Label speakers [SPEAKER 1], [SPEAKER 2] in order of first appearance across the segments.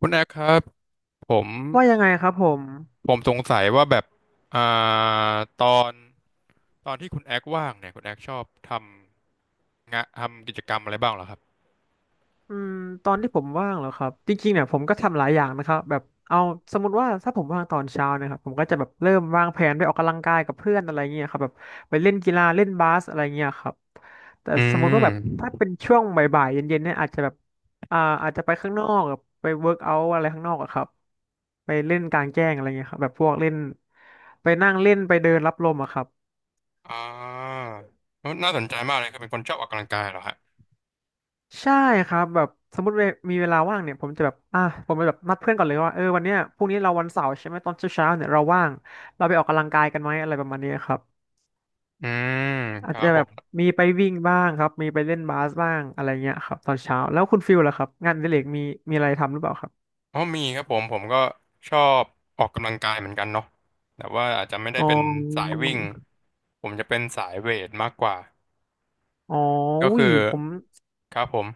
[SPEAKER 1] คุณแอคครับผม
[SPEAKER 2] ว่ายังไงครับผม
[SPEAKER 1] ผมสงสัยว่าแบบอ่าตอนตอนที่คุณแอคว่างเนี่ยคุณแอคชอบทำงะทำกิจกรรมอะไรบ้างเหรอครับ
[SPEAKER 2] อืมตอนที่ผมว่างเหรอครับจริงๆเนี่ยผมก็ทำหลายอย่างนะครับแบบเอาสมมติว่าถ้าผมว่างตอนเช้านะครับผมก็จะแบบเริ่มวางแผนไปออกกำลังกายกับเพื่อนอะไรเงี้ยครับแบบไปเล่นกีฬาเล่นบาสอะไรเงี้ยครับแต่
[SPEAKER 1] อื
[SPEAKER 2] สมมติว่าแบบถ้า
[SPEAKER 1] ม
[SPEAKER 2] เป็นช่วงบ่ายๆเย็นๆเนี่ยอาจจะแบบอาจจะไปข้างนอกแบบไปเวิร์กเอาท์อะไรข้างนอกอะครับไปเล่นกลางแจ้งอะไรเงี้ยครับแบบพวกเล่นไปนั่งเล่นไปเดินรับลมอะครับ
[SPEAKER 1] อ่าน่าสนใจมากเลยคือเป็นคนชอบออกกำลังกายเหรอฮะ
[SPEAKER 2] ใช่ครับแบบสมมติเวมีเวลาว่างเนี่ยผมจะแบบอ่ะผมจะแบบนัดเพื่อนก่อนเลยว่าเออวันเนี้ยพรุ่งนี้เราวันเสาร์ใช่ไหมตอนเช้าเเนี่ยเราว่างเราไปออกกำลังกายกันไหมอะไรประมาณนี้ครับ
[SPEAKER 1] อืม
[SPEAKER 2] อา
[SPEAKER 1] ค
[SPEAKER 2] จ
[SPEAKER 1] รั
[SPEAKER 2] จะ
[SPEAKER 1] บผ
[SPEAKER 2] แบบ
[SPEAKER 1] ม
[SPEAKER 2] มีไปวิ่งบ้างครับมีไปเล่นบาสบ้างอะไรเงี้ยครับตอนเช้าแล้วคุณฟิลล่ะครับงานอดิเรกมีมีอะไรทำหรือเปล่าครับ
[SPEAKER 1] อ๋อมีครับผมผมก็ชอบออกกำลังกายเหมือนกันเนาะแต่ว่าอาจจะไม่ได้
[SPEAKER 2] อ๋อ
[SPEAKER 1] เป็นสายวิ่งผมจะเป็นสายเวทมากกว่า
[SPEAKER 2] อ๋อ
[SPEAKER 1] ก็
[SPEAKER 2] อุ้
[SPEAKER 1] คื
[SPEAKER 2] ย
[SPEAKER 1] อ
[SPEAKER 2] ผม
[SPEAKER 1] ครับผม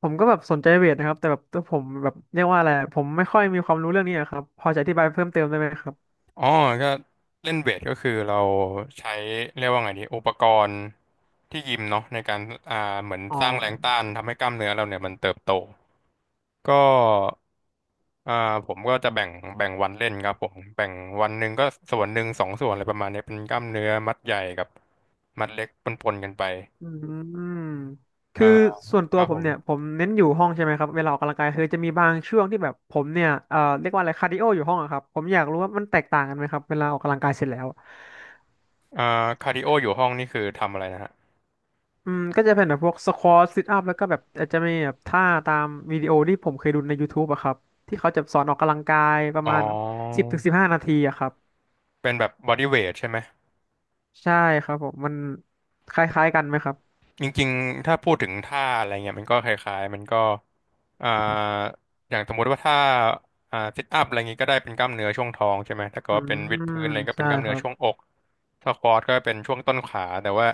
[SPEAKER 2] ผมก็แบบสนใจเวทนะครับแต่แบบตัวผมแบบเรียกว่าอะไรผมไม่ค่อยมีความรู้เรื่องนี้อะครับพอจะอธิบายเพิ่มเติมได้ไหมครับ
[SPEAKER 1] อ๋อก็เล่นเวทก็คือเราใช้เรียกว่าไงดีอุปกรณ์ที่ยิมเนาะในการอ่าเหมือน
[SPEAKER 2] อ๋อ
[SPEAKER 1] สร้างแรงต้านทำให้กล้ามเนื้อเราเนี่ยมันเติบโตก็อ่าผมก็จะแบ่งแบ่งวันเล่นครับผมแบ่งวันหนึ่งก็ส่วนหนึ่งสองส่วนอะไรประมาณนี้เป็นกล้ามเนื้อมัดใหญ่กับมัดเล็กปนๆกันไป
[SPEAKER 2] อืม
[SPEAKER 1] อ่า
[SPEAKER 2] คือส่วน
[SPEAKER 1] ค
[SPEAKER 2] ตัว
[SPEAKER 1] รับ
[SPEAKER 2] ผ
[SPEAKER 1] ผ
[SPEAKER 2] ม
[SPEAKER 1] ม
[SPEAKER 2] เนี่ยผมเน้นอยู่ห้องใช่ไหมครับเวลาออกกำลังกายคือจะมีบางช่วงที่แบบผมเนี่ยเอ่อเรียกว่าอะไรคาร์ดิโออยู่ห้องอะครับผมอยากรู้ว่ามันแตกต่างกันไหมครับเวลาออกกำลังกายเสร็จแล้ว
[SPEAKER 1] อ่าคาร์ดิโออยู่ห้องนี่คือทำอะไรนะฮะ
[SPEAKER 2] อืมก็จะเป็นแบบพวกสควอตซิทอัพแล้วก็แบบอาจจะมีแบบท่าตามวิดีโอที่ผมเคยดูในย o u ูบอะครับที่เขาจะสอนออกกำลังกายประ
[SPEAKER 1] อ๋อ
[SPEAKER 2] มาณ10-15 นาทีอะครับ
[SPEAKER 1] เป็นแบบบอดี้เวทใช่ไหม
[SPEAKER 2] ใช่ครับผมมันคล้ายๆกันไหมครับ
[SPEAKER 1] จริงๆ ถ้าพูดถึงท่าอะไรเงี้ยมันก็คล้ายๆ มันก็อ่าอย่างสมมติว่าถ้าซิทอัพอะไรเงี้ยก็ได้เป็นกล้ามเนื้อช่วงท้องใช่ไหมถ้าเกิด
[SPEAKER 2] อื
[SPEAKER 1] ว่าเป็นวิด
[SPEAKER 2] ม
[SPEAKER 1] พื้นอะไรก็เป็
[SPEAKER 2] ใช่
[SPEAKER 1] นกล้าม
[SPEAKER 2] ค
[SPEAKER 1] เนื้อ
[SPEAKER 2] รับ
[SPEAKER 1] ช่วงอกสควอตก็เป็นช่วงต้นขาแต่ว่า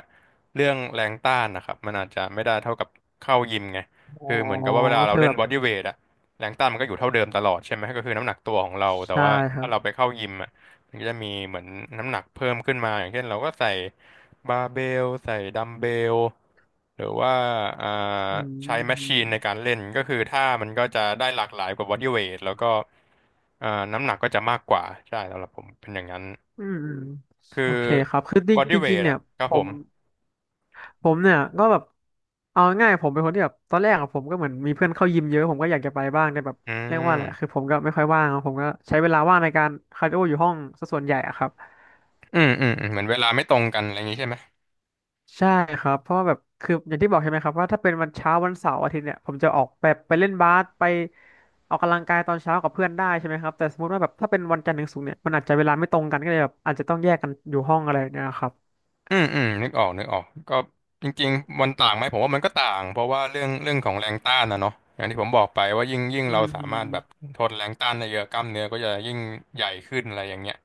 [SPEAKER 1] เรื่องแรงต้านนะครับมันอาจจะไม่ได้เท่ากับเข้ายิมไง
[SPEAKER 2] อ๋อ
[SPEAKER 1] คือเหมือนกับว่าเวลา
[SPEAKER 2] ก็
[SPEAKER 1] เรา
[SPEAKER 2] คือ
[SPEAKER 1] เล่
[SPEAKER 2] แบ
[SPEAKER 1] น
[SPEAKER 2] บ
[SPEAKER 1] บอดี้เวทอะแรงต้านมันก็อยู่เท่าเดิมตลอดใช่ไหมก็คือน้ำหนักตัวของเราแต่
[SPEAKER 2] ใช่
[SPEAKER 1] ว่า
[SPEAKER 2] ครั
[SPEAKER 1] ถ้าเรา
[SPEAKER 2] บ
[SPEAKER 1] ไปเข้ายิมอะ มันก็จะมีเหมือนน้ำหนักเพิ่มขึ้นมาอย่างเช่นเราก็ใส่บาร์เบลใส่ดัมเบลหรือว่าอ่า
[SPEAKER 2] อื
[SPEAKER 1] ใช้แมชชีนในกา
[SPEAKER 2] ม
[SPEAKER 1] รเล่นก็คือท่ามันก็จะได้หลากหลายกว่าบอดี้เวทแล้วก็อ่าน้ำหนักก็จะมากกว่าใช่สำหรับผมเป็นอย่างนั้น
[SPEAKER 2] อืมอืม
[SPEAKER 1] คือ
[SPEAKER 2] โอเคครับคือ
[SPEAKER 1] บอ
[SPEAKER 2] จ
[SPEAKER 1] ดี้
[SPEAKER 2] ริง
[SPEAKER 1] เว
[SPEAKER 2] จริง
[SPEAKER 1] ท
[SPEAKER 2] ๆเนี่
[SPEAKER 1] อะ
[SPEAKER 2] ย
[SPEAKER 1] ครับ
[SPEAKER 2] ผ
[SPEAKER 1] ผ
[SPEAKER 2] ม
[SPEAKER 1] ม
[SPEAKER 2] ผมเนี่ยก็แบบเอาง่ายๆผมเป็นคนที่แบบตอนแรกอะผมก็เหมือนมีเพื่อนเข้ายิมเยอะผมก็อยากจะไปบ้างแต่แบบ
[SPEAKER 1] อื
[SPEAKER 2] เรียกว่าอะไรคือ
[SPEAKER 1] ม
[SPEAKER 2] ผมก็ไม่ค่อยว่างอะผมก็ใช้เวลาว่างในการคาร์ดิโออยู่ห้องซะส่วนใหญ่อะครับ
[SPEAKER 1] อืมอืมอืมเหมือนเวลาไม่ตรงกันอะไรอย่างนี้ใช่ไหม
[SPEAKER 2] ใช่ครับเพราะว่าแบบคืออย่างที่บอกใช่ไหมครับว่าถ้าเป็นวันเช้าวันเสาร์อาทิตย์เนี่ยผมจะออกแบบไปเล่นบาสไปออกกำลังกายตอนเช้ากับเพื่อนได้ใช่ไหมครับแต่สมมติว่าแบบถ้าเป็นวันจันทร์ถึงศุกร์เนี่ยมันอาจจะเวลาไม่ตรงกันก็เลยแบบอาจจะต้องแยกกันอยู่ห้องอะไรเนี่ยครับ
[SPEAKER 1] อืมอืมนึกออกนึกออกก็จริงๆมันต่างไหมผมว่ามันก็ต่างเพราะว่าเรื่องเรื่องของแรงต้านนะเนาะอย่างที่ผมบอกไปว่ายิ่งยิ่ง
[SPEAKER 2] อื
[SPEAKER 1] เราสามารถแบบ
[SPEAKER 2] ม
[SPEAKER 1] ทนแรงต้านได้เยอะกล้ามเนื้อก็จะยิ่งใหญ่ขึ้นอะไรอย่างเงี้ย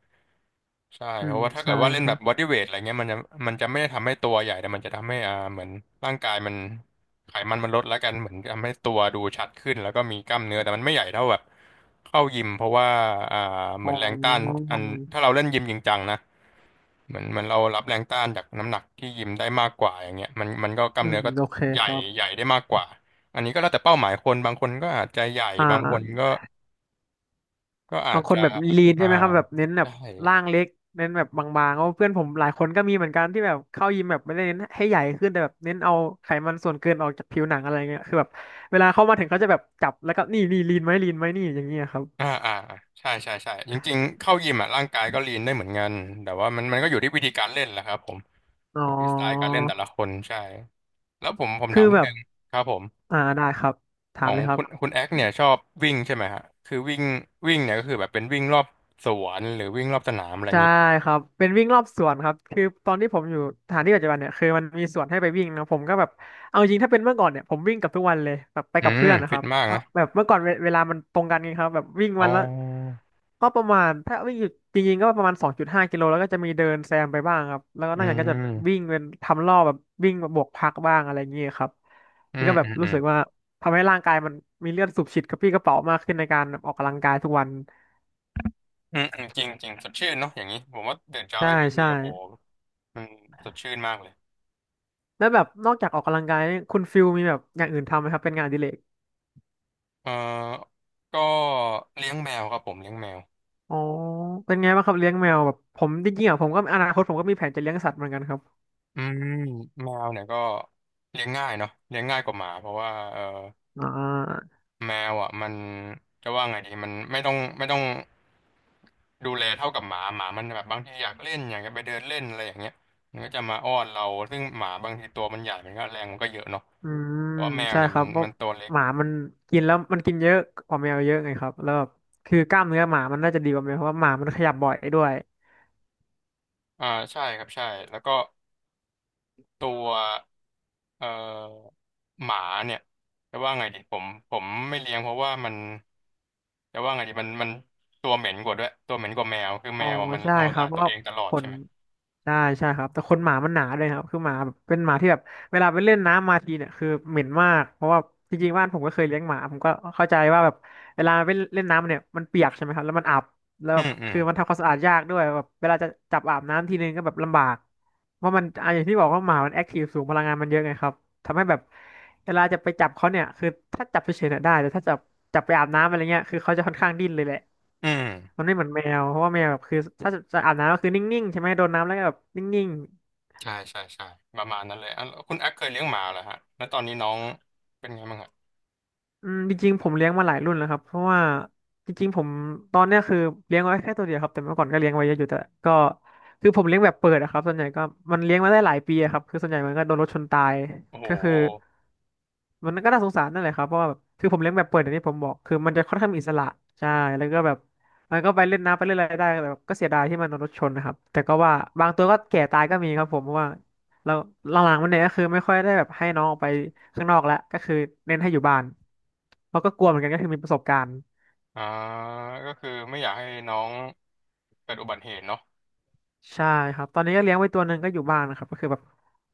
[SPEAKER 1] ใช่
[SPEAKER 2] อื
[SPEAKER 1] เพ
[SPEAKER 2] ม
[SPEAKER 1] ราะว่าถ้าเกิ
[SPEAKER 2] ใช่
[SPEAKER 1] ดว่าเล่น
[SPEAKER 2] ค
[SPEAKER 1] แบ
[SPEAKER 2] รั
[SPEAKER 1] บ
[SPEAKER 2] บ
[SPEAKER 1] บอดี้เวทอะไรเงี้ยมันจะมันจะไม่ได้ทำให้ตัวใหญ่แต่มันจะทำให้เหมือนร่างกายมันไขมันมันลดแล้วกันเหมือนทำให้ตัวดูชัดขึ้นแล้วก็มีกล้ามเนื้อแต่มันไม่ใหญ่เท่าแบบเข้ายิมเพราะว่าอ่าเห
[SPEAKER 2] อ๋อ
[SPEAKER 1] มือนแรงต้านอันถ้าเราเล่นยิมจริงจังนะเหมือนเหมันเรารับแรงต้านจากน้ำหนักที่ยิมได้มากกว่าอย่างเงี้ยมันมันก็กล้า
[SPEAKER 2] อื
[SPEAKER 1] ม
[SPEAKER 2] ม
[SPEAKER 1] เนื้อก็
[SPEAKER 2] โอเค
[SPEAKER 1] ใหญ่
[SPEAKER 2] ครั
[SPEAKER 1] ให
[SPEAKER 2] บ
[SPEAKER 1] ญ่ได้มากกว่าอันนี้ก็แล้วแต่เป้าหมายคนบางคนก็อาจจะใหญ่
[SPEAKER 2] อ่
[SPEAKER 1] บางคน
[SPEAKER 2] า
[SPEAKER 1] ก็ก็อา
[SPEAKER 2] บา
[SPEAKER 1] จ
[SPEAKER 2] งคน
[SPEAKER 1] จะ
[SPEAKER 2] แบบลีน
[SPEAKER 1] อ่า
[SPEAKER 2] ใช่ไหมครับแบบเน้นแบ
[SPEAKER 1] ใช่
[SPEAKER 2] บร่างเล็กเน้นแบบบางๆเพราะเพื่อนผมหลายคนก็มีเหมือนกันที่แบบเข้ายิมแบบไม่ได้เน้นให้ใหญ่ขึ้นแต่แบบเน้นเอาไขมันส่วนเกินออกจากผิวหนังอะไรเงี้ยคือแบบเวลาเข้ามาถึงเขาจะแบบจับแล้วก็นี่นี่ลีนไหมลีนไหมนี่อย่างเงี้ยครับ
[SPEAKER 1] อ่าอ่าใช่ใช่ใช่จริงๆเข้ายิมอ่ะร่างกายก็ลีนได้เหมือนกันแต่ว่ามันมันก็อยู่ที่วิธีการเล่นแหละครับผม
[SPEAKER 2] อ๋อ
[SPEAKER 1] อยู่ที่สไตล์การเล่นแต่ละคนใช่แล้วผมผมถา
[SPEAKER 2] คื
[SPEAKER 1] ม
[SPEAKER 2] อ
[SPEAKER 1] นิด
[SPEAKER 2] แบบ
[SPEAKER 1] นึงครับผม
[SPEAKER 2] อ่าได้ครับถา
[SPEAKER 1] ข
[SPEAKER 2] ม
[SPEAKER 1] อง
[SPEAKER 2] เลยครั
[SPEAKER 1] คุ
[SPEAKER 2] บ
[SPEAKER 1] ณคุณแอคเนี่ยชอบวิ่งใช่ไหมฮะคือวิ่งวิ่งเนี่ยก็คือแบบเป็นวิ่งรอบสวนหรือวิ่งรอบสนามอะไรอย่า
[SPEAKER 2] ใช่
[SPEAKER 1] งงี้
[SPEAKER 2] ครับเป็นวิ่งรอบสวนครับคือตอนที่ผมอยู่สถานที่ปัจจุบันเนี่ยคือมันมีสวนให้ไปวิ่งนะผมก็แบบเอาจริงถ้าเป็นเมื่อก่อนเนี่ยผมวิ่งกับทุกวันเลยแบบไป
[SPEAKER 1] อื
[SPEAKER 2] กับ
[SPEAKER 1] ม
[SPEAKER 2] เพื่อนนะค
[SPEAKER 1] ฟิ
[SPEAKER 2] รั
[SPEAKER 1] ต
[SPEAKER 2] บ
[SPEAKER 1] มาก
[SPEAKER 2] ก็
[SPEAKER 1] นะ
[SPEAKER 2] แบบเมื่อก่อนเวลามันตรงกันไงครับแบบวิ่ง
[SPEAKER 1] อ๋
[SPEAKER 2] วั
[SPEAKER 1] อ
[SPEAKER 2] นละก็ประมาณถ้าวิ่งอยู่จริงๆก็ประมาณ2.5 กิโลแล้วก็จะมีเดินแซมไปบ้างครับแล้วก็
[SPEAKER 1] อื
[SPEAKER 2] นอกจากนั้นก็จะวิ่
[SPEAKER 1] ม
[SPEAKER 2] งเป็นทำรอบแบบวิ่งบวกพักบ้างอะไรอย่างเงี้ยครับ
[SPEAKER 1] อื
[SPEAKER 2] มัน
[SPEAKER 1] ม
[SPEAKER 2] ก็แบ
[SPEAKER 1] อื
[SPEAKER 2] บ
[SPEAKER 1] มอื
[SPEAKER 2] รู้
[SPEAKER 1] ม
[SPEAKER 2] สึกว่าทำให้ร่างกายมันมีเลือดสูบฉีดกระปรี้กระเป๋ามากขึ้นในการออกกำลังกายทุกวัน
[SPEAKER 1] อืมอืมจริงจริงสดชื่นเนาะอย่างนี้ผมว่าตื่นเช้า
[SPEAKER 2] ใช่
[SPEAKER 1] ไปวิ่งเนี่
[SPEAKER 2] ใช่
[SPEAKER 1] ยโอ้โหมันสดชื่นมากเลย
[SPEAKER 2] แล้วแบบนอกจากออกกำลังกายเนี่ยคุณฟิลมีแบบอย่างอื่นทำไหมครับเป็นงานอดิเรก
[SPEAKER 1] เอ่อก็เลี้ยงแมวครับผมเลี้ยงแมว
[SPEAKER 2] อ๋อเป็นไงบ้างครับเลี้ยงแมวแบบผมจริงๆอ่ะผมก็อนาคตผมก็มีแผนจะเลี้ยงสัตว์เหมือนกันครับ
[SPEAKER 1] อืมแมวเนี่ยก็เลี้ยงง่ายเนาะเลี้ยงง่ายกว่าหมาเพราะว่าเออ
[SPEAKER 2] อ่า
[SPEAKER 1] แมวอ่ะมันจะว่าไงดีมันไม่ต้องไม่ต้องดูแลเท่ากับหมาหมามันแบบบางทีอยากเล่นอยากจะไปเดินเล่นอะไรอย่างเงี้ยมันก็จะมาอ้อนเราซึ่งหมาบางทีตัวมันใหญ่มันก็แรงมันก็เยอะเนาะ
[SPEAKER 2] อืม
[SPEAKER 1] เพราะว่าแมว
[SPEAKER 2] ใช่
[SPEAKER 1] เนี่ย
[SPEAKER 2] ค
[SPEAKER 1] มั
[SPEAKER 2] รั
[SPEAKER 1] น
[SPEAKER 2] บเพราะ
[SPEAKER 1] มันตัวเล็ก
[SPEAKER 2] หมามันกินแล้วมันกินเยอะกว่าแมวเยอะไงครับแล้วแบบคือกล้ามเนื้อหมามันน่าจะดีกว่าแมวเพราะว่าหมามันขยับบ่อยด้วย
[SPEAKER 1] อ่าใช่ครับใช่แล้วก็ตัวเอ่อหมาเนี่ยจะว่าไงดีผมผมไม่เลี้ยงเพราะว่ามัน แต่ว่าไงดีมันมันตัวเหม็นกว่าด้วยตัวเหม็นกว่าแมวคือ
[SPEAKER 2] อ๋
[SPEAKER 1] แม
[SPEAKER 2] อ
[SPEAKER 1] วอะมัน
[SPEAKER 2] ใช่
[SPEAKER 1] ทำความ
[SPEAKER 2] ค
[SPEAKER 1] สะ
[SPEAKER 2] รับ
[SPEAKER 1] อาด
[SPEAKER 2] เพ
[SPEAKER 1] ตั
[SPEAKER 2] ราะ
[SPEAKER 1] ว
[SPEAKER 2] ว่า
[SPEAKER 1] เองตลอ
[SPEAKER 2] ข
[SPEAKER 1] ดใช่
[SPEAKER 2] น
[SPEAKER 1] ไหม
[SPEAKER 2] ใช่ใช่ครับแต่ขนหมามันหนาเลยครับคือหมาแบบเป็นหมาที่แบบเวลาไปเล่นน้ำมาทีเนี่ยคือเหม็นมากเพราะว่าจริงๆบ้านผมก็เคยเลี้ยงหมาผมก็เข้าใจว่าแบบเวลาไปเล่นน้ำเนี่ยมันเปียกใช่ไหมครับแล้วมันอับแล้ว
[SPEAKER 1] อื
[SPEAKER 2] แบบ
[SPEAKER 1] มอืม
[SPEAKER 2] คือมันทำความสะอาดยากด้วยแบบเวลาจะจับอาบน้ำทีนึงก็แบบลำบากเพราะมันอ่ะอย่างที่บอกว่าหมามันแอคทีฟสูงพลังงานมันเยอะไงครับทำให้แบบเวลาจะไปจับเขาเนี่ยคือถ้าจับเฉยๆเนี่ยได้แต่ถ้าจับจับไปอาบน้ำอะไรเงี้ยคือเขาจะค่อนข้างดิ้นเลยแหละ
[SPEAKER 1] อืม
[SPEAKER 2] มันไม่เหมือนแมวเพราะว่าแมวแบบคือถ้าจะอาบน้ำก็คือนิ่งๆใช่ไหมโดนน้ำแล้วก็แบบนิ่ง
[SPEAKER 1] ใช่ใช่ใช่ประมาณนั้นเลยอ่ะแล้วคุณแอคเคยเลี้ยงหมาเหรอฮะแล้วตอนนี้น้องเป็นไงบ้างอะ
[SPEAKER 2] ๆอืมจริงๆผมเลี้ยงมาหลายรุ่นแล้วครับเพราะว่าจริงๆผมตอนเนี้ยคือเลี้ยงไว้แค่ตัวเดียวครับแต่เมื่อก่อนก็เลี้ยงไว้เยอะอยู่แต่ก็คือผมเลี้ยงแบบเปิดอะครับส่วนใหญ่ก็มันเลี้ยงมาได้หลายปีอะครับคือส่วนใหญ่มันก็โดนรถชนตาย
[SPEAKER 1] โอ้โห
[SPEAKER 2] ก็คือ มันก็น่าสงสารนั่นแหละครับเพราะว่าแบบคือผมเลี้ยงแบบเปิดอย่างที่ผมบอกคือมันจะค่อนข้างมีอิสระใช่แล้วก็แบบมันก็ไปเล่นน้ำไปเล่นอะไรได้แต่แบบก็เสียดายที่มันโดนรถชนนะครับแต่ก็ว่าบางตัวก็แก่ตายก็มีครับผมเพราะว่าเราหลังๆมันเนี่ยก็คือไม่ค่อยได้แบบให้น้องออกไปข้างนอกแล้วก็คือเน้นให้อยู่บ้านเพราะก็กลัวเหมือนกันก็คือมีประสบการณ์
[SPEAKER 1] อ่าก็คือไม่อยากให้น้องเกิดอุบัติเหตุเนาะ
[SPEAKER 2] ใช่ครับตอนนี้ก็เลี้ยงไว้ตัวหนึ่งก็อยู่บ้านนะครับก็คือแบบ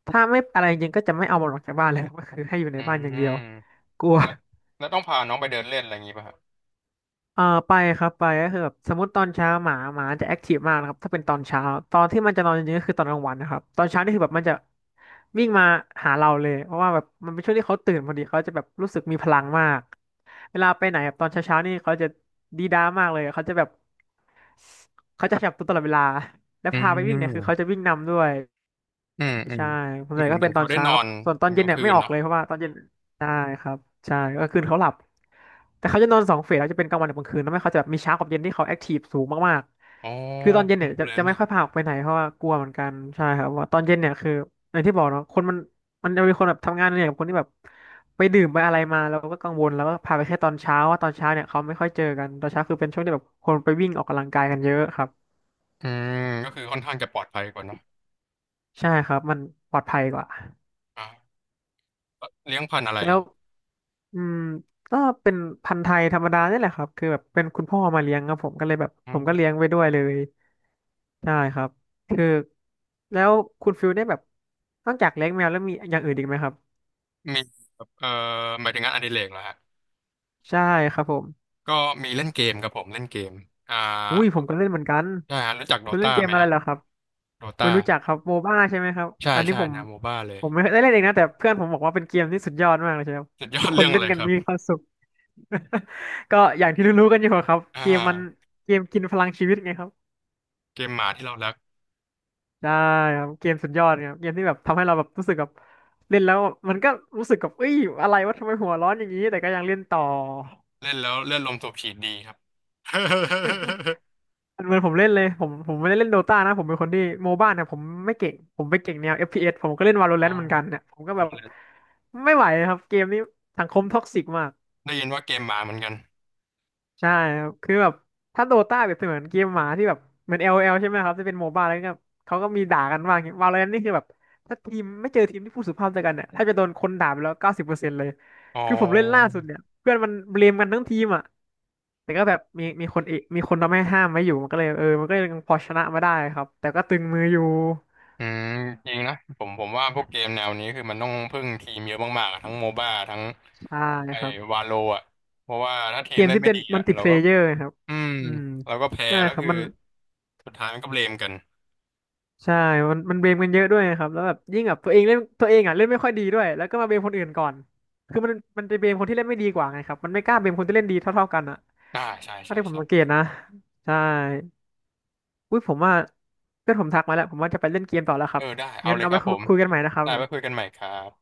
[SPEAKER 2] ถ้าไม่อะไรจริงก็จะไม่เอามันออกจากบ้านเลยครับ ก็คือให้อยู่ใน
[SPEAKER 1] อื
[SPEAKER 2] บ้านอย่างเดียว
[SPEAKER 1] ม
[SPEAKER 2] กลัว
[SPEAKER 1] แล้วแล้วต้องพาน้องไปเดินเล่นอะไรอย่างงี้ป่ะฮะ
[SPEAKER 2] ไปครับไปก็คือแบบสมมติตอนเช้าหมาจะแอคทีฟมากนะครับถ้าเป็นตอนเช้าตอนที่มันจะนอนจริงๆก็คือตอนกลางวันนะครับตอนเช้านี่คือแบบมันจะวิ่งมาหาเราเลยเพราะว่าแบบมันเป็นช่วงที่เขาตื่นพอดีเขาจะแบบรู้สึกมีพลังมากเวลาไปไหนแบบตอนเช้าๆนี่เขาจะดีด้ามากเลยเขาจะแบบเขาจะขยับตัวตลอดเวลาและ
[SPEAKER 1] อื
[SPEAKER 2] พาไปวิ่งเนี่ยคือเขาจะ
[SPEAKER 1] ม
[SPEAKER 2] วิ่งนำด้วย
[SPEAKER 1] อืมอืม
[SPEAKER 2] ใช่ส่ว
[SPEAKER 1] เห
[SPEAKER 2] นใหญ่
[SPEAKER 1] มือน
[SPEAKER 2] ก็
[SPEAKER 1] เหมื
[SPEAKER 2] เป็
[SPEAKER 1] อ
[SPEAKER 2] น
[SPEAKER 1] น
[SPEAKER 2] ตอ
[SPEAKER 1] เขา
[SPEAKER 2] น
[SPEAKER 1] ได้
[SPEAKER 2] เช้า
[SPEAKER 1] นอ
[SPEAKER 2] ครับ
[SPEAKER 1] น
[SPEAKER 2] ส่วนต
[SPEAKER 1] ต
[SPEAKER 2] อ
[SPEAKER 1] อ
[SPEAKER 2] น
[SPEAKER 1] นก
[SPEAKER 2] เย็น
[SPEAKER 1] ลาง
[SPEAKER 2] เนี่ย
[SPEAKER 1] คื
[SPEAKER 2] ไม่
[SPEAKER 1] น
[SPEAKER 2] ออก
[SPEAKER 1] เนาะ
[SPEAKER 2] เลยเพราะว่าตอนเย็นใช่ครับใช่ก็คืนเขาหลับแต่เขาจะนอน2 เฟสเขาจะเป็นกลางวันกับกลางคืนแล้วไม่เขาจะแบบมีเช้ากับเย็นที่เขาแอคทีฟสูงมาก
[SPEAKER 1] อ๋อ
[SPEAKER 2] ๆคือตอนเย็น
[SPEAKER 1] เพิ่
[SPEAKER 2] เนี่
[SPEAKER 1] ง
[SPEAKER 2] ย
[SPEAKER 1] รู้
[SPEAKER 2] จะ
[SPEAKER 1] เลย
[SPEAKER 2] จะไม่
[SPEAKER 1] เนี่ย
[SPEAKER 2] ค่อยพาออกไปไหนเพราะว่ากลัวเหมือนกันใช่ครับว่าตอนเย็นเนี่ยคืออย่างที่บอกเนาะคนมันจะมีคนแบบทำงานเนี่ยกับคนที่แบบไปดื่มไปอะไรมาแล้วก็กังวลแล้วก็พาไปแค่ตอนเช้าว่าตอนเช้าเนี่ยเขาไม่ค่อยเจอกันตอนเช้าคือเป็นช่วงที่แบบคนไปวิ่งออกกำลังกายกันเยอะครับ
[SPEAKER 1] อืมก็คือค่อนข้างจะปลอดภัยกว่าเนาะ
[SPEAKER 2] ใช่ครับมันปลอดภัยกว่า
[SPEAKER 1] อ่า เลี้ยงพันธุ์อะไร
[SPEAKER 2] แล้
[SPEAKER 1] เหรอ
[SPEAKER 2] ว อืมก็เป็นพันธุ์ไทยธรรมดานี่แหละครับคือแบบเป็นคุณพ่อมาเลี้ยงครับผมก็เลยแบบ
[SPEAKER 1] อื
[SPEAKER 2] ผมก็เลี้ยง
[SPEAKER 1] ม
[SPEAKER 2] ไปด้วยเลยใช่ครับคือแล้วคุณฟิลได้แบบนอกจากเลี้ยงแมวแล้วมีอย่างอื่นอีกไหมครับ
[SPEAKER 1] มีแบบหมายถึงงานอดิเรกเหรอฮะ
[SPEAKER 2] ใช่ครับผม
[SPEAKER 1] ก็มีเล่นเกมครับผมเล่นเกม อ่า
[SPEAKER 2] อุ้ยผมก็เล่นเหมือนกัน
[SPEAKER 1] ใช่ฮะรู้จักโด
[SPEAKER 2] คุณเล่
[SPEAKER 1] ตา
[SPEAKER 2] นเกม
[SPEAKER 1] ไหม
[SPEAKER 2] อะไร
[SPEAKER 1] ฮะ
[SPEAKER 2] เหรอครับ
[SPEAKER 1] โดตา
[SPEAKER 2] ไม่รู้จักครับโมบ้าใช่ไหมครับ
[SPEAKER 1] ใช่
[SPEAKER 2] อันนี้
[SPEAKER 1] ใช่
[SPEAKER 2] ผม
[SPEAKER 1] แนวโมบ้าเลย
[SPEAKER 2] ไม่ได้เล่นเองนะแต่เพื่อนผมบอกว่าเป็นเกมที่สุดยอดมากเลยใช่ครับ
[SPEAKER 1] สุดยอ
[SPEAKER 2] ทุก
[SPEAKER 1] ด
[SPEAKER 2] ค
[SPEAKER 1] เรื่
[SPEAKER 2] น
[SPEAKER 1] อง
[SPEAKER 2] เล่
[SPEAKER 1] อะ
[SPEAKER 2] น
[SPEAKER 1] ไร
[SPEAKER 2] กัน
[SPEAKER 1] ครับ
[SPEAKER 2] มีความสุข ก็อย่างที่รู้ๆกันอยู่ครับ
[SPEAKER 1] อ่า
[SPEAKER 2] เกมมันเกมกินพลังชีวิตไงครับ
[SPEAKER 1] เกมหมาที่เรารัก
[SPEAKER 2] ได้ครับเกมสุดยอดครับเกมที่แบบทำให้เราแบบรู้สึกแบบเล่นแล้วมันก็รู้สึกกับเอ้ยอะไรวะทำไมหัวร้อนอย่างนี้แต่ก็ยังเล่นต่อ
[SPEAKER 1] เล่นแล้วเลือดลมสูบฉีดดีครับ
[SPEAKER 2] เหมือนผมเล่นเลยผมไม่ได้เล่นโดตานะผมเป็นคนที่โมบ้าเนี่ยผมไม่เก่งผมไปเก่งแนว FPS ผมก็เล่น
[SPEAKER 1] อ่า
[SPEAKER 2] Valorant เหมือนกันเนี่ยผมก็แบบไม่ไหวครับเกมนี้สังคมท็อกซิกมาก
[SPEAKER 1] ได้ยินว่าเกมหมาเหมือนกัน
[SPEAKER 2] ใช่ครับคือแบบถ้าโดต้าเปรียบเสมือนเกมหมาที่แบบเหมือน LOL ใช่ไหมครับที่เป็นโมบ้าแล้วเนี่ยเขาก็มีด่ากันบ้างวาโลแรนนี่คือแบบถ้าทีมไม่เจอทีมที่พูดสุภาพเจอกันเนี่ยถ้าจะโดนคนด่าไปแล้ว90%เลย
[SPEAKER 1] อ๋
[SPEAKER 2] คือผมเล่นล่า
[SPEAKER 1] อ
[SPEAKER 2] สุดเนี่ยเพื่อนมันเบลมกันทั้งทีมอ่ะแต่ก็แบบมีคนเอมีคนทำให้ห้ามไว้อยู่มันก็เลยเออมันก็ยังพอชนะมาได้ครับแต่ก็ตึงมืออยู่
[SPEAKER 1] อืมจริงนะผมผมว่าพวกเกมแนวนี้คือมันต้องพึ่งทีมเยอะมากๆอะทั้งโมบ้าทั้ง
[SPEAKER 2] ใช่
[SPEAKER 1] ไอ้
[SPEAKER 2] ครับ
[SPEAKER 1] วาโลอ่ะเพราะว่าถ้าที
[SPEAKER 2] เก
[SPEAKER 1] ม
[SPEAKER 2] ม
[SPEAKER 1] เล่น
[SPEAKER 2] ที่
[SPEAKER 1] ไม่
[SPEAKER 2] เป็น
[SPEAKER 1] ดี
[SPEAKER 2] มั
[SPEAKER 1] อ่ะ
[SPEAKER 2] ลติ
[SPEAKER 1] เรา
[SPEAKER 2] เพล
[SPEAKER 1] ก็
[SPEAKER 2] เยอร์ครับ
[SPEAKER 1] อืม
[SPEAKER 2] อืม
[SPEAKER 1] เราก็แพ้
[SPEAKER 2] ใช่
[SPEAKER 1] แล้ว
[SPEAKER 2] ครับ
[SPEAKER 1] คือ
[SPEAKER 2] มัน
[SPEAKER 1] สุดท้ายมันก็เบลมกัน
[SPEAKER 2] ใช่มันเบลมกันเยอะด้วยนะครับแล้วแบบยิ่งแบบตัวเองเล่นตัวเองอ่ะเล่นไม่ค่อยดีด้วยแล้วก็มาเบลมคนอื่นก่อน คือมันจะเบลมคนที่เล่นไม่ดีกว่าไงครับมันไม่กล้าเบลมคนที่เล่นดีเท่าๆกันอ่ะ
[SPEAKER 1] ใช่
[SPEAKER 2] ถ้า
[SPEAKER 1] ใช่
[SPEAKER 2] ที่ผม
[SPEAKER 1] ใช่
[SPEAKER 2] สังเกตนะใช่อุ้ยผมว่าเพื่อนผมทักมาแล้วผมว่าจะไปเล่นเกมต่อแล้วค
[SPEAKER 1] เอ
[SPEAKER 2] รับ
[SPEAKER 1] อได้เอา
[SPEAKER 2] งั้น
[SPEAKER 1] เลย
[SPEAKER 2] เอา
[SPEAKER 1] ค
[SPEAKER 2] ไว้
[SPEAKER 1] รับ
[SPEAKER 2] คุ
[SPEAKER 1] ผ
[SPEAKER 2] ย
[SPEAKER 1] ม
[SPEAKER 2] คุยกันใหม่นะครับ
[SPEAKER 1] ได้
[SPEAKER 2] ผ
[SPEAKER 1] ไว้
[SPEAKER 2] ม
[SPEAKER 1] คุยกันใหม่ครับ